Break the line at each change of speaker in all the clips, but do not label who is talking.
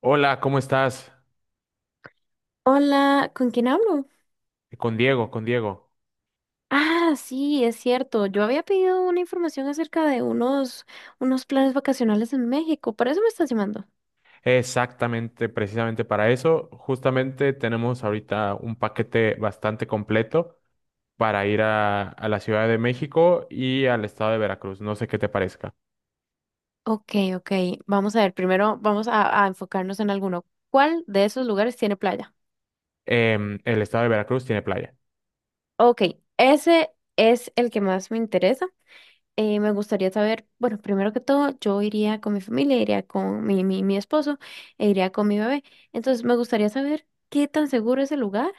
Hola, ¿cómo estás?
Hola, ¿con quién hablo?
Con Diego, con Diego.
Ah, sí, es cierto. Yo había pedido una información acerca de unos, unos planes vacacionales en México. Por eso me estás llamando.
Exactamente, precisamente para eso. Justamente tenemos ahorita un paquete bastante completo para ir a la Ciudad de México y al estado de Veracruz. No sé qué te parezca.
Ok, ok. Vamos a ver. Primero vamos a enfocarnos en alguno. ¿Cuál de esos lugares tiene playa?
El estado de Veracruz tiene playa.
Ok, ese es el que más me interesa. Me gustaría saber, bueno, primero que todo, yo iría con mi familia, iría con mi esposo e iría con mi bebé. Entonces, me gustaría saber qué tan seguro es el lugar.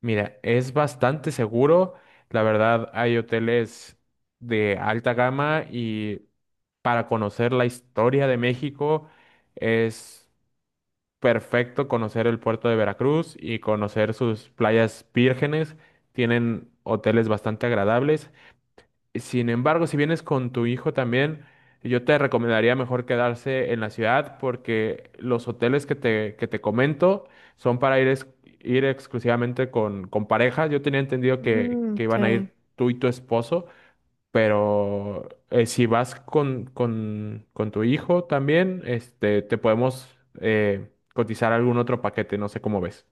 Mira, es bastante seguro. La verdad, hay hoteles de alta gama y para conocer la historia de México es perfecto conocer el puerto de Veracruz y conocer sus playas vírgenes. Tienen hoteles bastante agradables. Sin embargo, si vienes con tu hijo también, yo te recomendaría mejor quedarse en la ciudad porque los hoteles que te comento son para ir exclusivamente con pareja. Yo tenía entendido que,
Mm,
que iban a
ok.
ir tú y tu esposo. Pero si vas con tu hijo también, te podemos eh, cotizar algún otro paquete, no sé cómo ves.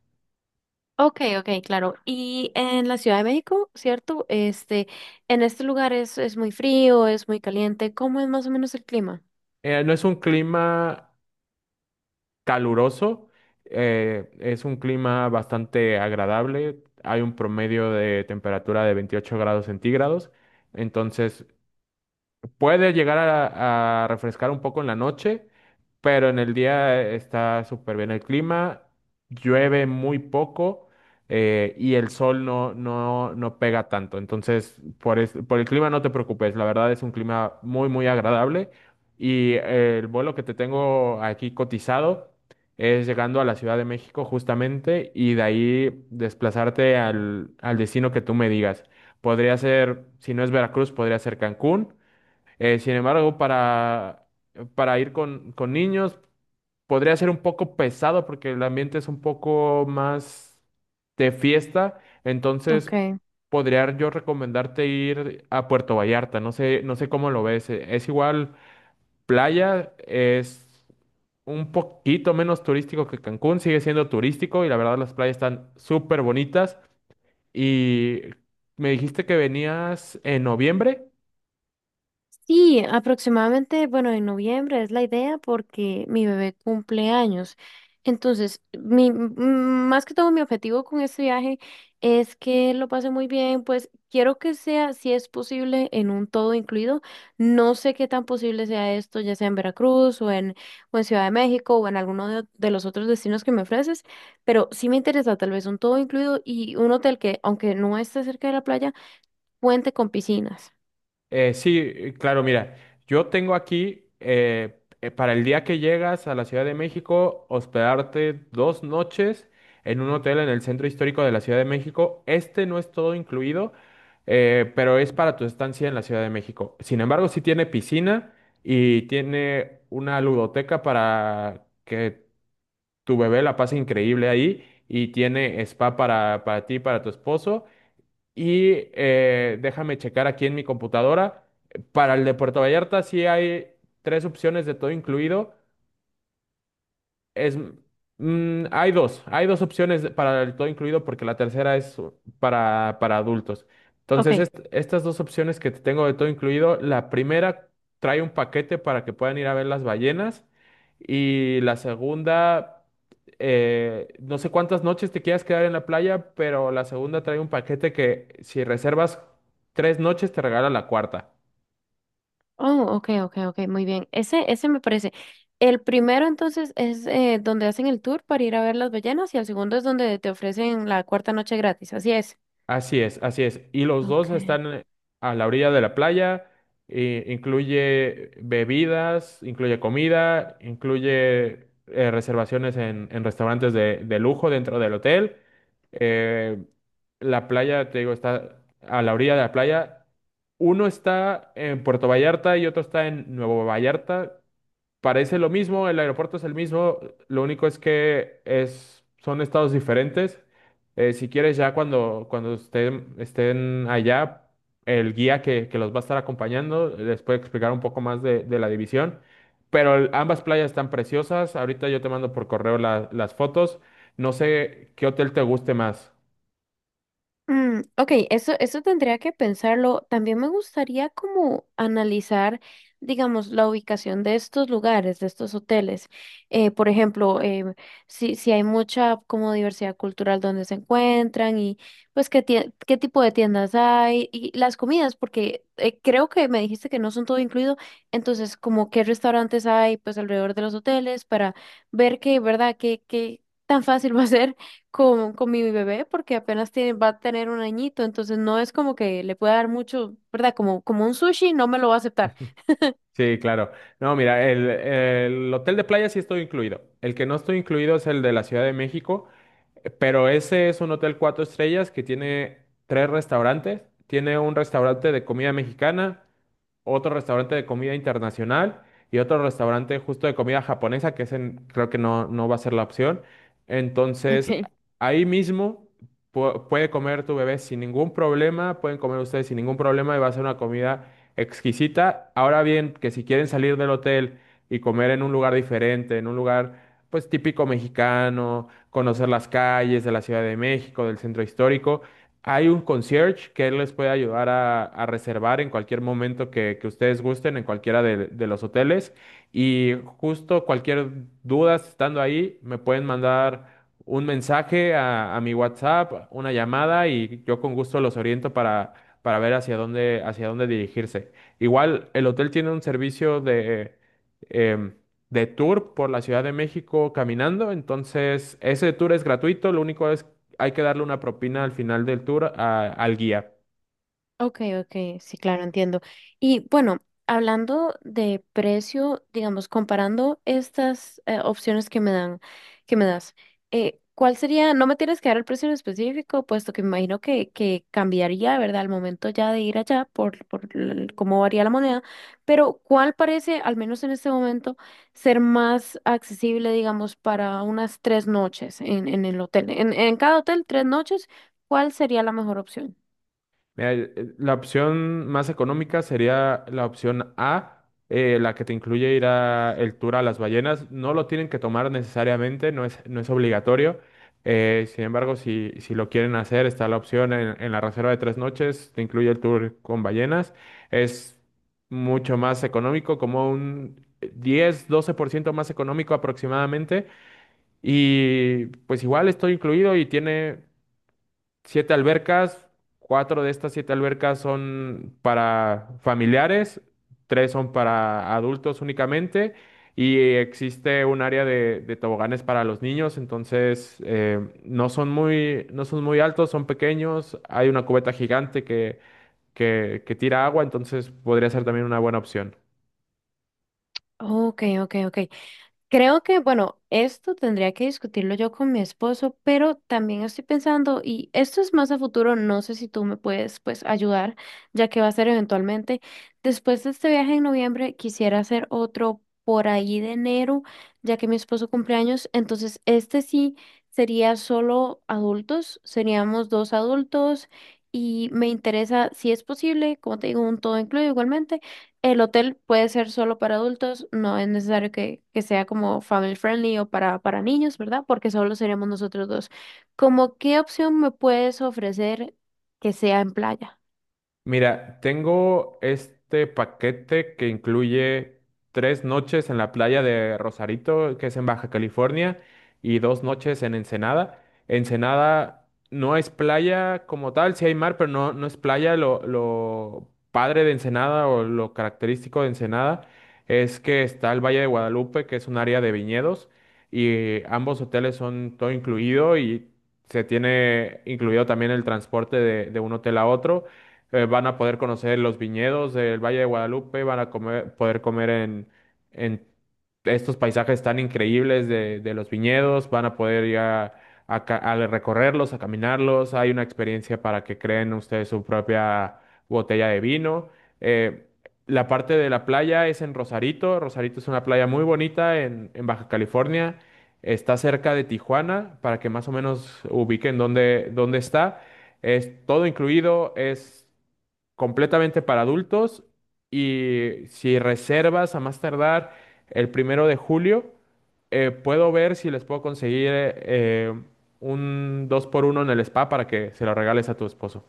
Ok, ok, claro. Y en la Ciudad de México, ¿cierto? Este, en este lugar es muy frío, es muy caliente. ¿Cómo es más o menos el clima?
No es un clima caluroso, es un clima bastante agradable. Hay un promedio de temperatura de 28 grados centígrados, entonces puede llegar a refrescar un poco en la noche, pero en el día está súper bien el clima, llueve muy poco y el sol no, no, no pega tanto. Entonces, por el clima no te preocupes, la verdad es un clima muy, muy agradable y el vuelo que te tengo aquí cotizado es llegando a la Ciudad de México justamente y de ahí desplazarte al destino que tú me digas. Podría ser, si no es Veracruz, podría ser Cancún. Sin embargo, para ir con niños podría ser un poco pesado porque el ambiente es un poco más de fiesta. Entonces,
Ok.
podría yo recomendarte ir a Puerto Vallarta. No sé, no sé cómo lo ves. Es igual playa, es un poquito menos turístico que Cancún, sigue siendo turístico y la verdad las playas están súper bonitas. Y me dijiste que venías en noviembre.
Sí, aproximadamente, bueno, en noviembre es la idea porque mi bebé cumple años. Entonces, más que todo mi objetivo con este viaje es que lo pase muy bien, pues quiero que sea, si es posible, en un todo incluido. No sé qué tan posible sea esto, ya sea en Veracruz o en Ciudad de México o en alguno de los otros destinos que me ofreces, pero sí me interesa tal vez un todo incluido y un hotel que, aunque no esté cerca de la playa, cuente con piscinas.
Sí, claro, mira, yo tengo aquí para el día que llegas a la Ciudad de México, hospedarte 2 noches en un hotel en el centro histórico de la Ciudad de México. Este no es todo incluido, pero es para tu estancia en la Ciudad de México. Sin embargo, sí tiene piscina y tiene una ludoteca para que tu bebé la pase increíble ahí y tiene spa para ti y para tu esposo. Déjame checar aquí en mi computadora. Para el de Puerto Vallarta sí hay tres opciones de todo incluido. Es, mm, hay dos opciones para el todo incluido porque la tercera es para adultos.
Ok.
Entonces, estas dos opciones que te tengo de todo incluido, la primera trae un paquete para que puedan ir a ver las ballenas y la segunda, no sé cuántas noches te quieras quedar en la playa, pero la segunda trae un paquete que si reservas 3 noches te regala la cuarta.
Oh, ok, ok, ok, muy bien. Ese me parece. El primero entonces es donde hacen el tour para ir a ver las ballenas y el segundo es donde te ofrecen la cuarta noche gratis, así es.
Así es, así es. Y los
Ok.
dos están a la orilla de la playa. E incluye bebidas, incluye comida, incluye reservaciones en restaurantes de lujo dentro del hotel. Eh, la playa, te digo, está a la orilla de la playa. Uno está en Puerto Vallarta y otro está en Nuevo Vallarta. Parece lo mismo, el aeropuerto es el mismo, lo único es que son estados diferentes. Si quieres, ya cuando estén allá, el guía que los va a estar acompañando les puede explicar un poco más de la división. Pero ambas playas están preciosas. Ahorita yo te mando por correo las fotos. No sé qué hotel te guste más.
Mm, ok, eso tendría que pensarlo. También me gustaría como analizar, digamos, la ubicación de estos lugares, de estos hoteles. Por ejemplo, si, si hay mucha como diversidad cultural donde se encuentran y pues qué tipo de tiendas hay y las comidas, porque creo que me dijiste que no son todo incluido. Entonces, como qué restaurantes hay pues alrededor de los hoteles para ver que, ¿verdad? Qué tan fácil va a ser con mi bebé porque apenas tiene, va a tener un añito, entonces no es como que le pueda dar mucho, ¿verdad? Como, como un sushi, no me lo va a aceptar.
Sí, claro. No, mira, el hotel de playa sí estoy incluido. El que no estoy incluido es el de la Ciudad de México. Pero ese es un hotel cuatro estrellas que tiene tres restaurantes. Tiene un restaurante de comida mexicana, otro restaurante de comida internacional y otro restaurante justo de comida japonesa, que ese creo que no, no va a ser la opción. Entonces,
Ok.
ahí mismo puede comer tu bebé sin ningún problema, pueden comer ustedes sin ningún problema y va a ser una comida exquisita. Ahora bien, que si quieren salir del hotel y comer en un lugar diferente, en un lugar pues típico mexicano, conocer las calles de la Ciudad de México, del centro histórico. Hay un concierge que él les puede ayudar a reservar en cualquier momento que ustedes gusten, en cualquiera de los hoteles. Y justo cualquier duda si estando ahí, me pueden mandar un mensaje a mi WhatsApp, una llamada y yo con gusto los oriento para ver hacia dónde dirigirse. Igual el hotel tiene un servicio em, de tour por la Ciudad de México caminando, entonces ese tour es gratuito, lo único es hay que darle una propina al final del tour al guía.
Ok, ok, sí, claro, entiendo. Y bueno, hablando de precio, digamos, comparando estas opciones que me dan, que me das, ¿cuál sería? No me tienes que dar el precio en específico, puesto que me imagino que cambiaría, ¿verdad? Al momento ya de ir allá por el- cómo varía la moneda, pero ¿cuál parece, al menos en este momento, ser más accesible, digamos, para unas tres noches en el hotel? En cada hotel, tres noches, ¿cuál sería la mejor opción?
Mira, la opción más económica sería la opción A, la que te incluye ir a el tour a las ballenas. No lo tienen que tomar necesariamente, no es, no es obligatorio. Sin embargo, si, si lo quieren hacer, está la opción en la reserva de 3 noches, te incluye el tour con ballenas. Es mucho más económico, como un 10 12% más económico aproximadamente. Y pues igual estoy incluido y tiene siete albercas, cuatro de estas siete albercas son para familiares, tres son para adultos únicamente y existe un área de toboganes para los niños, entonces no son muy altos, son pequeños, hay una cubeta gigante que tira agua, entonces podría ser también una buena opción.
Ok, ok, ok. Creo que, bueno, esto tendría que discutirlo yo con mi esposo, pero también estoy pensando, y esto es más a futuro, no sé si tú me puedes, pues, ayudar, ya que va a ser eventualmente. Después de este viaje en noviembre, quisiera hacer otro por ahí de enero, ya que mi esposo cumple años, entonces este sí sería solo adultos, seríamos dos adultos, y me interesa, si es posible, como te digo, un todo incluido igualmente el hotel puede ser solo para adultos, no es necesario que sea como family friendly o para niños, ¿verdad? Porque solo seríamos nosotros dos. ¿Cómo qué opción me puedes ofrecer que sea en playa?
Mira, tengo este paquete que incluye 3 noches en la playa de Rosarito, que es en Baja California, y 2 noches en Ensenada. Ensenada no es playa como tal, sí hay mar, pero no, no es playa. Lo padre de Ensenada o lo característico de Ensenada es que está el Valle de Guadalupe, que es un área de viñedos, y ambos hoteles son todo incluido y se tiene incluido también el transporte de un hotel a otro, van a poder conocer los viñedos del Valle de Guadalupe, van a poder comer en estos paisajes tan increíbles de los viñedos, van a poder ir a recorrerlos, a caminarlos, hay una experiencia para que creen ustedes su propia botella de vino. Eh, la parte de la playa es en Rosarito, Rosarito es una playa muy bonita en Baja California, está cerca de Tijuana, para que más o menos ubiquen dónde está. Es todo incluido, es completamente para adultos y si reservas a más tardar el 1 de julio, puedo ver si les puedo conseguir un dos por uno en el spa para que se lo regales a tu esposo.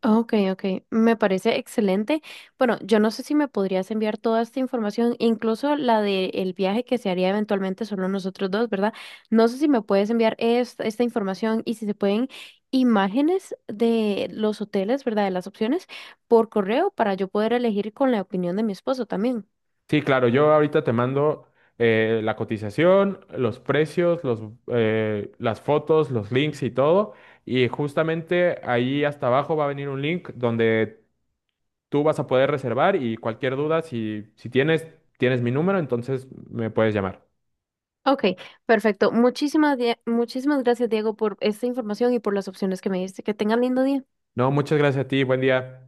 Ok, ok, me parece excelente. Bueno, yo no sé si me podrías enviar toda esta información, incluso la del viaje que se haría eventualmente solo nosotros dos, ¿verdad? No sé si me puedes enviar esta, esta información y si se pueden imágenes de los hoteles, ¿verdad? De las opciones por correo para yo poder elegir con la opinión de mi esposo también.
Sí, claro, yo ahorita te mando la cotización, los precios, las fotos, los links y todo. Y justamente ahí hasta abajo va a venir un link donde tú vas a poder reservar y cualquier duda, si, si tienes, tienes mi número, entonces me puedes llamar.
Ok, perfecto. Muchísimas gracias, Diego, por esta información y por las opciones que me diste. Que tengan lindo día.
No, muchas gracias a ti, buen día.